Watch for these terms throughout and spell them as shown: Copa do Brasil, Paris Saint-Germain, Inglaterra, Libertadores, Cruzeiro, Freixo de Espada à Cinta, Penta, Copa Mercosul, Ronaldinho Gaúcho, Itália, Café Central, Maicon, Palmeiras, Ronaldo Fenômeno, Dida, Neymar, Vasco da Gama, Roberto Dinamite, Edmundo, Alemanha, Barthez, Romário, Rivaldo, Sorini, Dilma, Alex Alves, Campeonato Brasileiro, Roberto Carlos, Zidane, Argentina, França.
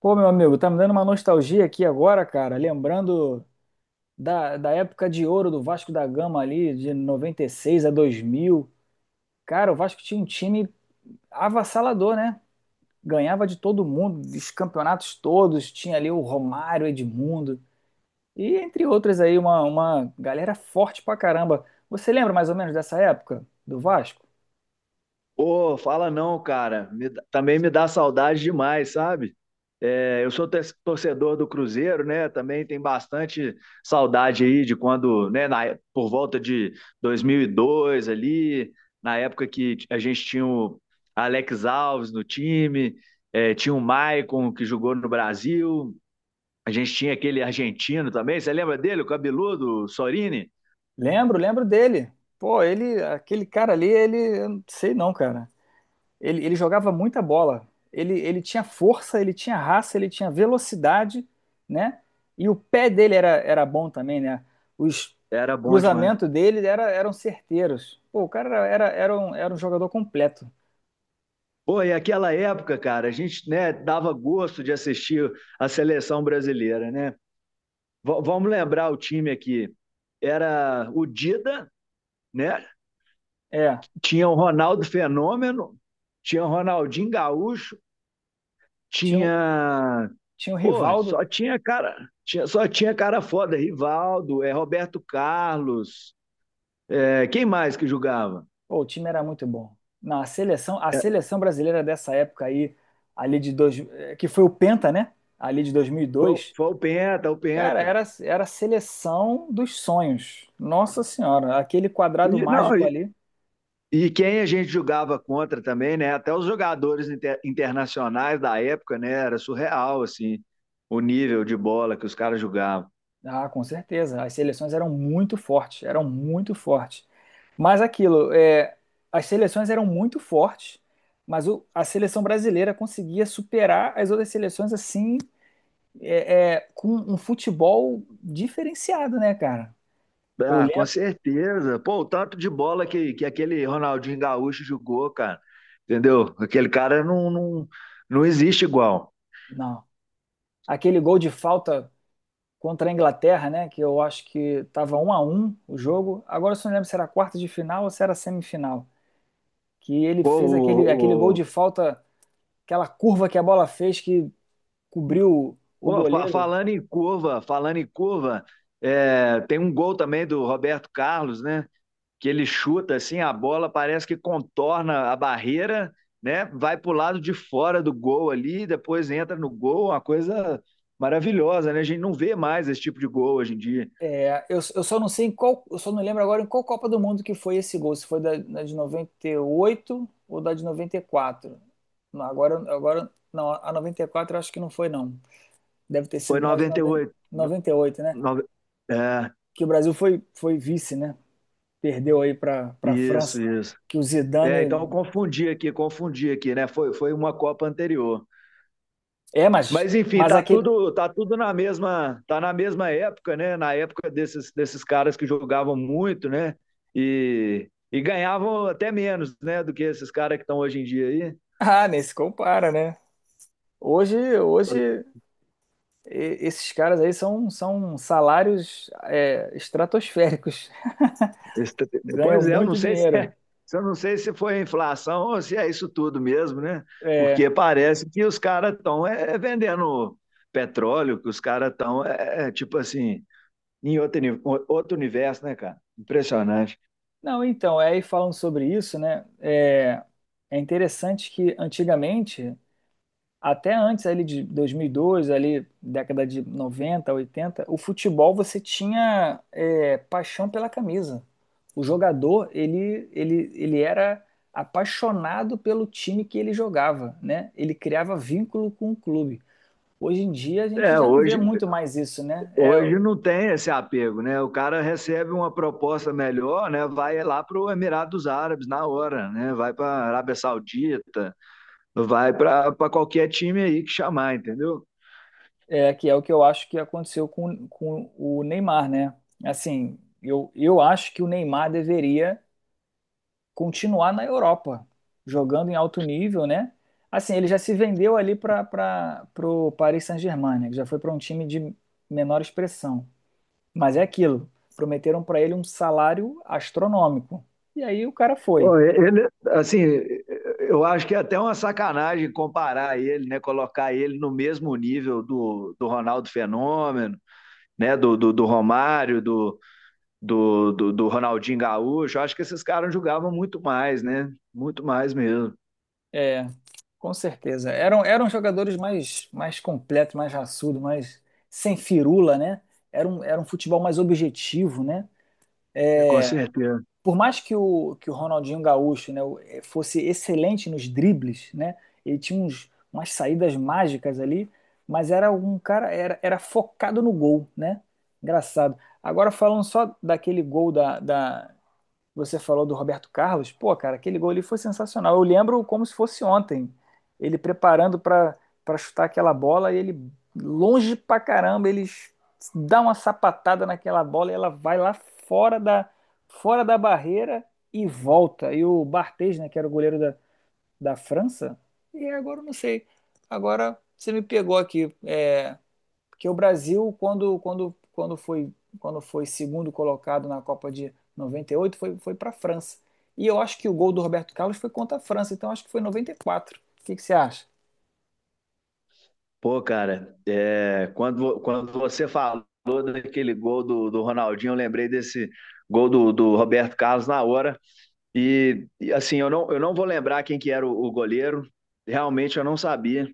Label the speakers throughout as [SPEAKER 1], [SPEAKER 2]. [SPEAKER 1] Pô, meu amigo, tá me dando uma nostalgia aqui agora, cara. Lembrando da época de ouro do Vasco da Gama ali, de 96 a 2000. Cara, o Vasco tinha um time avassalador, né? Ganhava de todo mundo, dos campeonatos todos. Tinha ali o Romário, Edmundo. E entre outras aí, uma galera forte pra caramba. Você lembra mais ou menos dessa época do Vasco?
[SPEAKER 2] Ô, fala não, cara. Também me dá saudade demais, sabe? É, eu sou torcedor do Cruzeiro, né? Também tem bastante saudade aí de quando, por volta de 2002 ali, na época que a gente tinha o Alex Alves no time, é, tinha o Maicon que jogou no Brasil, a gente tinha aquele argentino também, você lembra dele, o cabeludo, o Sorini?
[SPEAKER 1] Lembro, lembro dele. Pô, ele, aquele cara ali, ele, eu não sei não, cara. Ele jogava muita bola. Ele tinha força, ele tinha raça, ele tinha velocidade, né? E o pé dele era bom também, né? Os
[SPEAKER 2] Era bom demais.
[SPEAKER 1] cruzamentos dele eram certeiros. Pô, o cara era um jogador completo.
[SPEAKER 2] Pô, e aquela época, cara, a gente, né, dava gosto de assistir a seleção brasileira, né? Vamos lembrar o time aqui. Era o Dida, né?
[SPEAKER 1] É,
[SPEAKER 2] Tinha o Ronaldo Fenômeno, tinha o Ronaldinho Gaúcho,
[SPEAKER 1] tinha, o-
[SPEAKER 2] tinha,
[SPEAKER 1] tinha o
[SPEAKER 2] pô,
[SPEAKER 1] Rivaldo.
[SPEAKER 2] só tinha cara foda, Rivaldo, é Roberto Carlos, é, quem mais que jogava?
[SPEAKER 1] Pô, o time era muito bom. Não, a seleção, a
[SPEAKER 2] É,
[SPEAKER 1] seleção brasileira dessa época aí, ali que foi o Penta, né? Ali de 2002.
[SPEAKER 2] foi o Penta, o
[SPEAKER 1] Cara,
[SPEAKER 2] Penta.
[SPEAKER 1] era a seleção dos sonhos. Nossa Senhora, aquele quadrado
[SPEAKER 2] E, não,
[SPEAKER 1] mágico
[SPEAKER 2] e,
[SPEAKER 1] ali.
[SPEAKER 2] E quem a gente jogava contra também, né? Até os jogadores internacionais da época, né? Era surreal, assim, o nível de bola que os caras jogavam.
[SPEAKER 1] Ah, com certeza. As seleções eram muito fortes, eram muito fortes. Mas aquilo, é, as seleções eram muito fortes, mas a seleção brasileira conseguia superar as outras seleções assim, com um futebol diferenciado, né, cara? Eu
[SPEAKER 2] Ah, com
[SPEAKER 1] lembro,
[SPEAKER 2] certeza. Pô, o tanto de bola que aquele Ronaldinho Gaúcho jogou, cara. Entendeu? Aquele cara não existe igual.
[SPEAKER 1] não, aquele gol de falta contra a Inglaterra, né? Que eu acho que estava 1 a 1 o jogo. Agora eu só não lembro se era quarta de final ou se era semifinal. Que ele
[SPEAKER 2] Pô,
[SPEAKER 1] fez aquele gol de
[SPEAKER 2] o-
[SPEAKER 1] falta, aquela curva que a bola fez que cobriu o
[SPEAKER 2] pô, fa-
[SPEAKER 1] goleiro.
[SPEAKER 2] Falando em curva, é, tem um gol também do Roberto Carlos, né? Que ele chuta assim, a bola parece que contorna a barreira, né? Vai para o lado de fora do gol ali, depois entra no gol, uma coisa maravilhosa, né? A gente não vê mais esse tipo de gol hoje em dia.
[SPEAKER 1] É, eu só não sei em qual, eu só não lembro agora em qual Copa do Mundo que foi esse gol, se foi da de 98 ou da de 94. Não. Agora não, a 94 eu acho que não foi não. Deve ter
[SPEAKER 2] Foi
[SPEAKER 1] sido na de
[SPEAKER 2] 98. No,
[SPEAKER 1] 98, né?
[SPEAKER 2] no, é,
[SPEAKER 1] Que o Brasil foi vice, né? Perdeu aí para França,
[SPEAKER 2] isso, isso.
[SPEAKER 1] que o
[SPEAKER 2] É, então
[SPEAKER 1] Zidane,
[SPEAKER 2] confundi aqui, né? Foi uma Copa anterior.
[SPEAKER 1] é, mas
[SPEAKER 2] Mas enfim,
[SPEAKER 1] aquele
[SPEAKER 2] tá tudo na mesma, tá na mesma época, né? Na época desses caras que jogavam muito, né? E ganhavam até menos, né, do que esses caras que estão hoje em dia aí.
[SPEAKER 1] Ah, nem se compara, né? Hoje esses caras aí são salários, estratosféricos,
[SPEAKER 2] Esse-
[SPEAKER 1] Ganham
[SPEAKER 2] Pois é, eu não
[SPEAKER 1] muito
[SPEAKER 2] sei se
[SPEAKER 1] dinheiro.
[SPEAKER 2] é, eu não sei se foi a inflação ou se é isso tudo mesmo, né?
[SPEAKER 1] É,
[SPEAKER 2] Porque parece que os caras estão é vendendo petróleo, que os caras estão tipo assim, em outro universo, né, cara? Impressionante.
[SPEAKER 1] não, então, aí falando sobre isso, né? É interessante que antigamente até antes ali de 2002, ali década de 90, 80, o futebol você tinha, paixão pela camisa. O jogador, ele era apaixonado pelo time que ele jogava, né? Ele criava vínculo com o clube. Hoje em dia a gente
[SPEAKER 2] É,
[SPEAKER 1] já não vê
[SPEAKER 2] hoje
[SPEAKER 1] muito mais isso, né? É,
[SPEAKER 2] Hoje não tem esse apego, né? O cara recebe uma proposta melhor, né? Vai lá para o Emirados Árabes na hora, né? Vai para a Arábia Saudita, vai para qualquer time aí que chamar, entendeu?
[SPEAKER 1] é que é o que eu acho que aconteceu com o Neymar, né? Assim, eu acho que o Neymar deveria continuar na Europa, jogando em alto nível, né? Assim, ele já se vendeu ali para o Paris Saint-Germain, né? Que já foi para um time de menor expressão. Mas é aquilo, prometeram para ele um salário astronômico. E aí o cara foi.
[SPEAKER 2] Pô, ele, assim, eu acho que é até uma sacanagem comparar ele, né? Colocar ele no mesmo nível do Ronaldo Fenômeno, né? Do Romário, do Ronaldinho Gaúcho. Eu acho que esses caras jogavam muito mais, né? Muito mais mesmo,
[SPEAKER 1] É, com certeza. Eram jogadores mais completos, mais raçudo, mais sem firula, né? Era um futebol mais objetivo, né?
[SPEAKER 2] né? Com certeza.
[SPEAKER 1] Por mais que o Ronaldinho Gaúcho, né, fosse excelente nos dribles, né, ele tinha umas saídas mágicas ali, mas era um cara, era focado no gol, né? Engraçado. Agora falando só daquele gol da você falou do Roberto Carlos, pô, cara, aquele gol ali foi sensacional. Eu lembro como se fosse ontem, ele preparando para chutar aquela bola e ele longe pra caramba, ele dá uma sapatada naquela bola e ela vai lá fora da fora da barreira e volta. E o Barthez, né, que era o goleiro da França, e agora eu não sei. Agora você me pegou aqui. É, porque o Brasil, quando foi segundo colocado na Copa de 98, foi para a França. E eu acho que o gol do Roberto Carlos foi contra a França, então acho que foi 94. O que, que você acha?
[SPEAKER 2] Pô, cara, é, quando você falou daquele gol do Ronaldinho, eu lembrei desse gol do Roberto Carlos na hora. E, assim, eu não vou lembrar quem que era o goleiro. Realmente eu não sabia.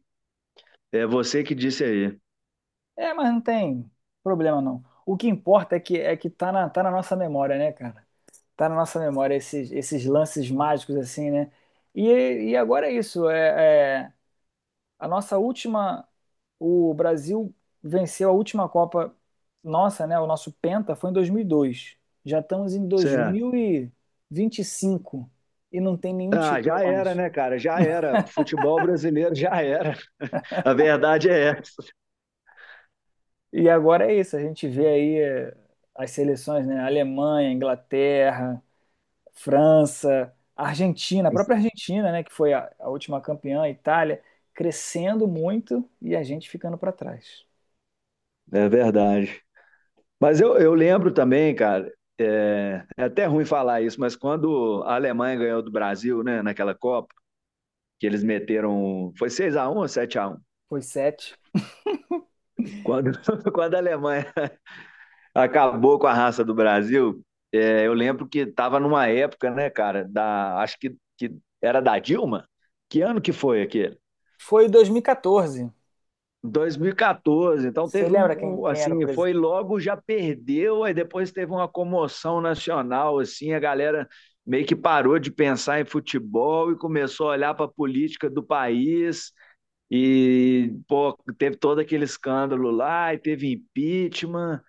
[SPEAKER 2] É você que disse aí.
[SPEAKER 1] É, mas não tem problema não. O que importa é que tá na nossa memória, né, cara? Tá na nossa memória esses lances mágicos, assim, né? E, e agora é isso. A nossa última, o Brasil venceu a última Copa nossa, né? O nosso Penta foi em 2002. Já estamos em dois
[SPEAKER 2] Certo.
[SPEAKER 1] mil e vinte e cinco e não tem nenhum
[SPEAKER 2] Ah,
[SPEAKER 1] título
[SPEAKER 2] já era,
[SPEAKER 1] mais.
[SPEAKER 2] né, cara? Já era. Futebol brasileiro já era. A verdade é essa.
[SPEAKER 1] E agora é isso, a gente vê aí, as seleções, né? Alemanha, Inglaterra, França, Argentina, a própria Argentina, né? Que foi a última campeã, a Itália, crescendo muito e a gente ficando para trás.
[SPEAKER 2] É verdade. Mas eu lembro também, cara, é até ruim falar isso, mas quando a Alemanha ganhou do Brasil, né, naquela Copa, que eles meteram. Foi seis a um ou sete a um.
[SPEAKER 1] Foi 7.
[SPEAKER 2] Quando, Quando a Alemanha acabou com a raça do Brasil, é, eu lembro que estava numa época, né, cara, acho que era da Dilma. Que ano que foi aquele?
[SPEAKER 1] Foi 2014.
[SPEAKER 2] 2014, então
[SPEAKER 1] Você
[SPEAKER 2] teve
[SPEAKER 1] lembra quem,
[SPEAKER 2] um,
[SPEAKER 1] quem era o
[SPEAKER 2] assim, foi
[SPEAKER 1] presidente?
[SPEAKER 2] logo já perdeu, aí depois teve uma comoção nacional, assim, a galera meio que parou de pensar em futebol e começou a olhar para a política do país. E, pô, teve todo aquele escândalo lá, e teve impeachment,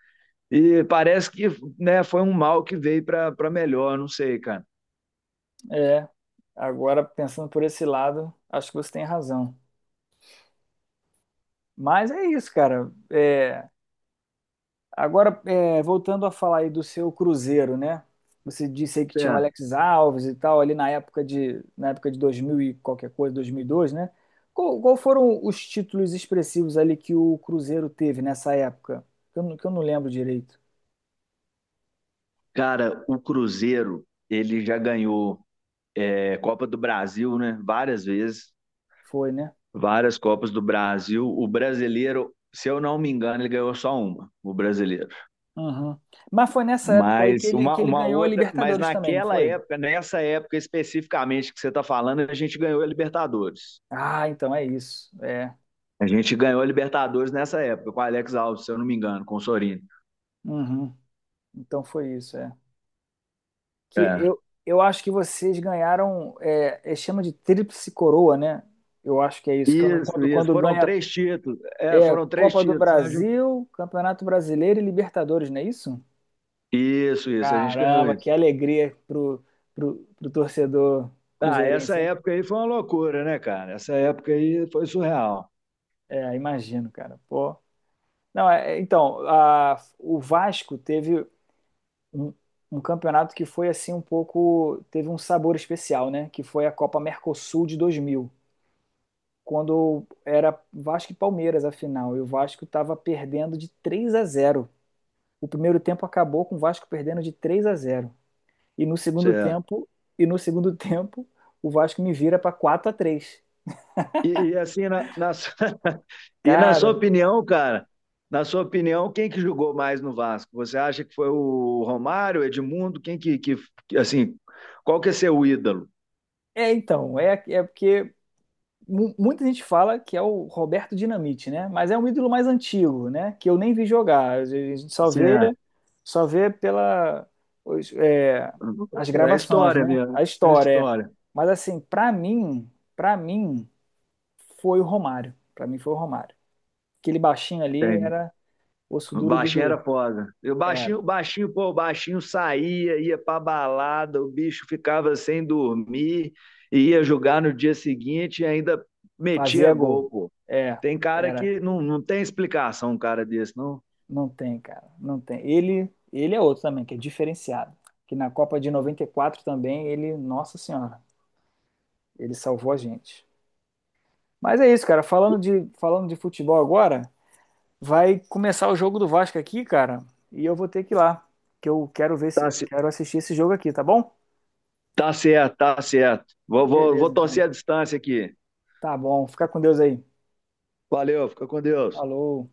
[SPEAKER 2] e parece que, né, foi um mal que veio para melhor, não sei, cara.
[SPEAKER 1] É, agora pensando por esse lado, acho que você tem razão. Mas é isso, cara. É, agora, voltando a falar aí do seu Cruzeiro, né? Você disse aí que tinha o
[SPEAKER 2] É.
[SPEAKER 1] Alex Alves e tal, ali na época de 2000 e qualquer coisa, 2002, né? Qual foram os títulos expressivos ali que o Cruzeiro teve nessa época? Que eu, que eu não lembro direito.
[SPEAKER 2] Cara, o Cruzeiro, ele já ganhou é, Copa do Brasil, né, várias vezes,
[SPEAKER 1] Foi, né?
[SPEAKER 2] várias Copas do Brasil. O brasileiro, se eu não me engano, ele ganhou só uma, o brasileiro.
[SPEAKER 1] Uhum. Mas foi nessa época aí
[SPEAKER 2] Mas
[SPEAKER 1] que ele
[SPEAKER 2] uma
[SPEAKER 1] ganhou a
[SPEAKER 2] outra, mas
[SPEAKER 1] Libertadores também, não
[SPEAKER 2] naquela
[SPEAKER 1] foi?
[SPEAKER 2] época, Nessa época especificamente que você está falando, a gente ganhou a Libertadores.
[SPEAKER 1] Ah, então é isso. É.
[SPEAKER 2] A gente ganhou a Libertadores nessa época, com o Alex Alves, se eu não me engano, com o Sorino.
[SPEAKER 1] Uhum. Então foi isso, é. Que
[SPEAKER 2] É.
[SPEAKER 1] eu, eu acho que vocês ganharam, chama de tríplice coroa, né? Eu acho que é isso. que eu não-
[SPEAKER 2] Isso,
[SPEAKER 1] Quando,
[SPEAKER 2] isso.
[SPEAKER 1] quando
[SPEAKER 2] Foram
[SPEAKER 1] ganha
[SPEAKER 2] três títulos. É, foram três
[SPEAKER 1] Copa do
[SPEAKER 2] títulos, né? A gente-
[SPEAKER 1] Brasil, Campeonato Brasileiro e Libertadores, não é isso?
[SPEAKER 2] Isso, isso. A gente ganhou
[SPEAKER 1] Caramba,
[SPEAKER 2] isso.
[SPEAKER 1] que alegria pro torcedor
[SPEAKER 2] Ah, essa
[SPEAKER 1] cruzeirense, hein?
[SPEAKER 2] época aí foi uma loucura, né, cara? Essa época aí foi surreal.
[SPEAKER 1] É, imagino, cara. Pô. Não, é, então, o Vasco teve. um, um campeonato que foi assim um pouco, teve um sabor especial, né? Que foi a Copa Mercosul de 2000, quando era Vasco e Palmeiras a final, e o Vasco estava perdendo de 3 a 0. O primeiro tempo acabou com o Vasco perdendo de 3 a 0. E no segundo
[SPEAKER 2] Certo.
[SPEAKER 1] tempo, e no segundo tempo, o Vasco me vira para 4 a 3.
[SPEAKER 2] E assim, na, na e na sua
[SPEAKER 1] Cara,
[SPEAKER 2] opinião, cara, na sua opinião, quem que jogou mais no Vasco? Você acha que foi o Romário, o Edmundo? Assim, qual que é seu ídolo?
[SPEAKER 1] é então, é porque muita gente fala que é o Roberto Dinamite, né? Mas é um ídolo mais antigo, né? Que eu nem vi jogar. A gente só vê,
[SPEAKER 2] Certo.
[SPEAKER 1] só vê pela, os- é, as
[SPEAKER 2] É
[SPEAKER 1] gravações,
[SPEAKER 2] história
[SPEAKER 1] né?
[SPEAKER 2] mesmo.
[SPEAKER 1] A
[SPEAKER 2] É
[SPEAKER 1] história. É.
[SPEAKER 2] história.
[SPEAKER 1] Mas assim, para mim foi o Romário. Pra mim foi o Romário. Aquele baixinho
[SPEAKER 2] Que
[SPEAKER 1] ali
[SPEAKER 2] tem.
[SPEAKER 1] era osso
[SPEAKER 2] O
[SPEAKER 1] duro de
[SPEAKER 2] baixinho era
[SPEAKER 1] roer.
[SPEAKER 2] foda. E o
[SPEAKER 1] Era.
[SPEAKER 2] baixinho, pô, o baixinho saía, ia pra balada, o bicho ficava sem dormir, e ia jogar no dia seguinte e ainda metia
[SPEAKER 1] Fazia gol.
[SPEAKER 2] gol, pô.
[SPEAKER 1] É,
[SPEAKER 2] Tem cara
[SPEAKER 1] era.
[SPEAKER 2] que não tem explicação, um cara desse, não.
[SPEAKER 1] Não tem, cara. Não tem. Ele é outro também, que é diferenciado. Que na Copa de 94 também, ele, nossa senhora, ele salvou a gente. Mas é isso, cara. Falando de futebol agora, vai começar o jogo do Vasco aqui, cara. E eu vou ter que ir lá. Que eu quero ver
[SPEAKER 2] Tá,
[SPEAKER 1] se
[SPEAKER 2] ce-
[SPEAKER 1] quero assistir esse jogo aqui, tá bom?
[SPEAKER 2] tá certo, tá certo. Vou
[SPEAKER 1] Beleza, então.
[SPEAKER 2] torcer a distância aqui.
[SPEAKER 1] Tá bom. Fica com Deus aí.
[SPEAKER 2] Valeu, fica com Deus.
[SPEAKER 1] Falou.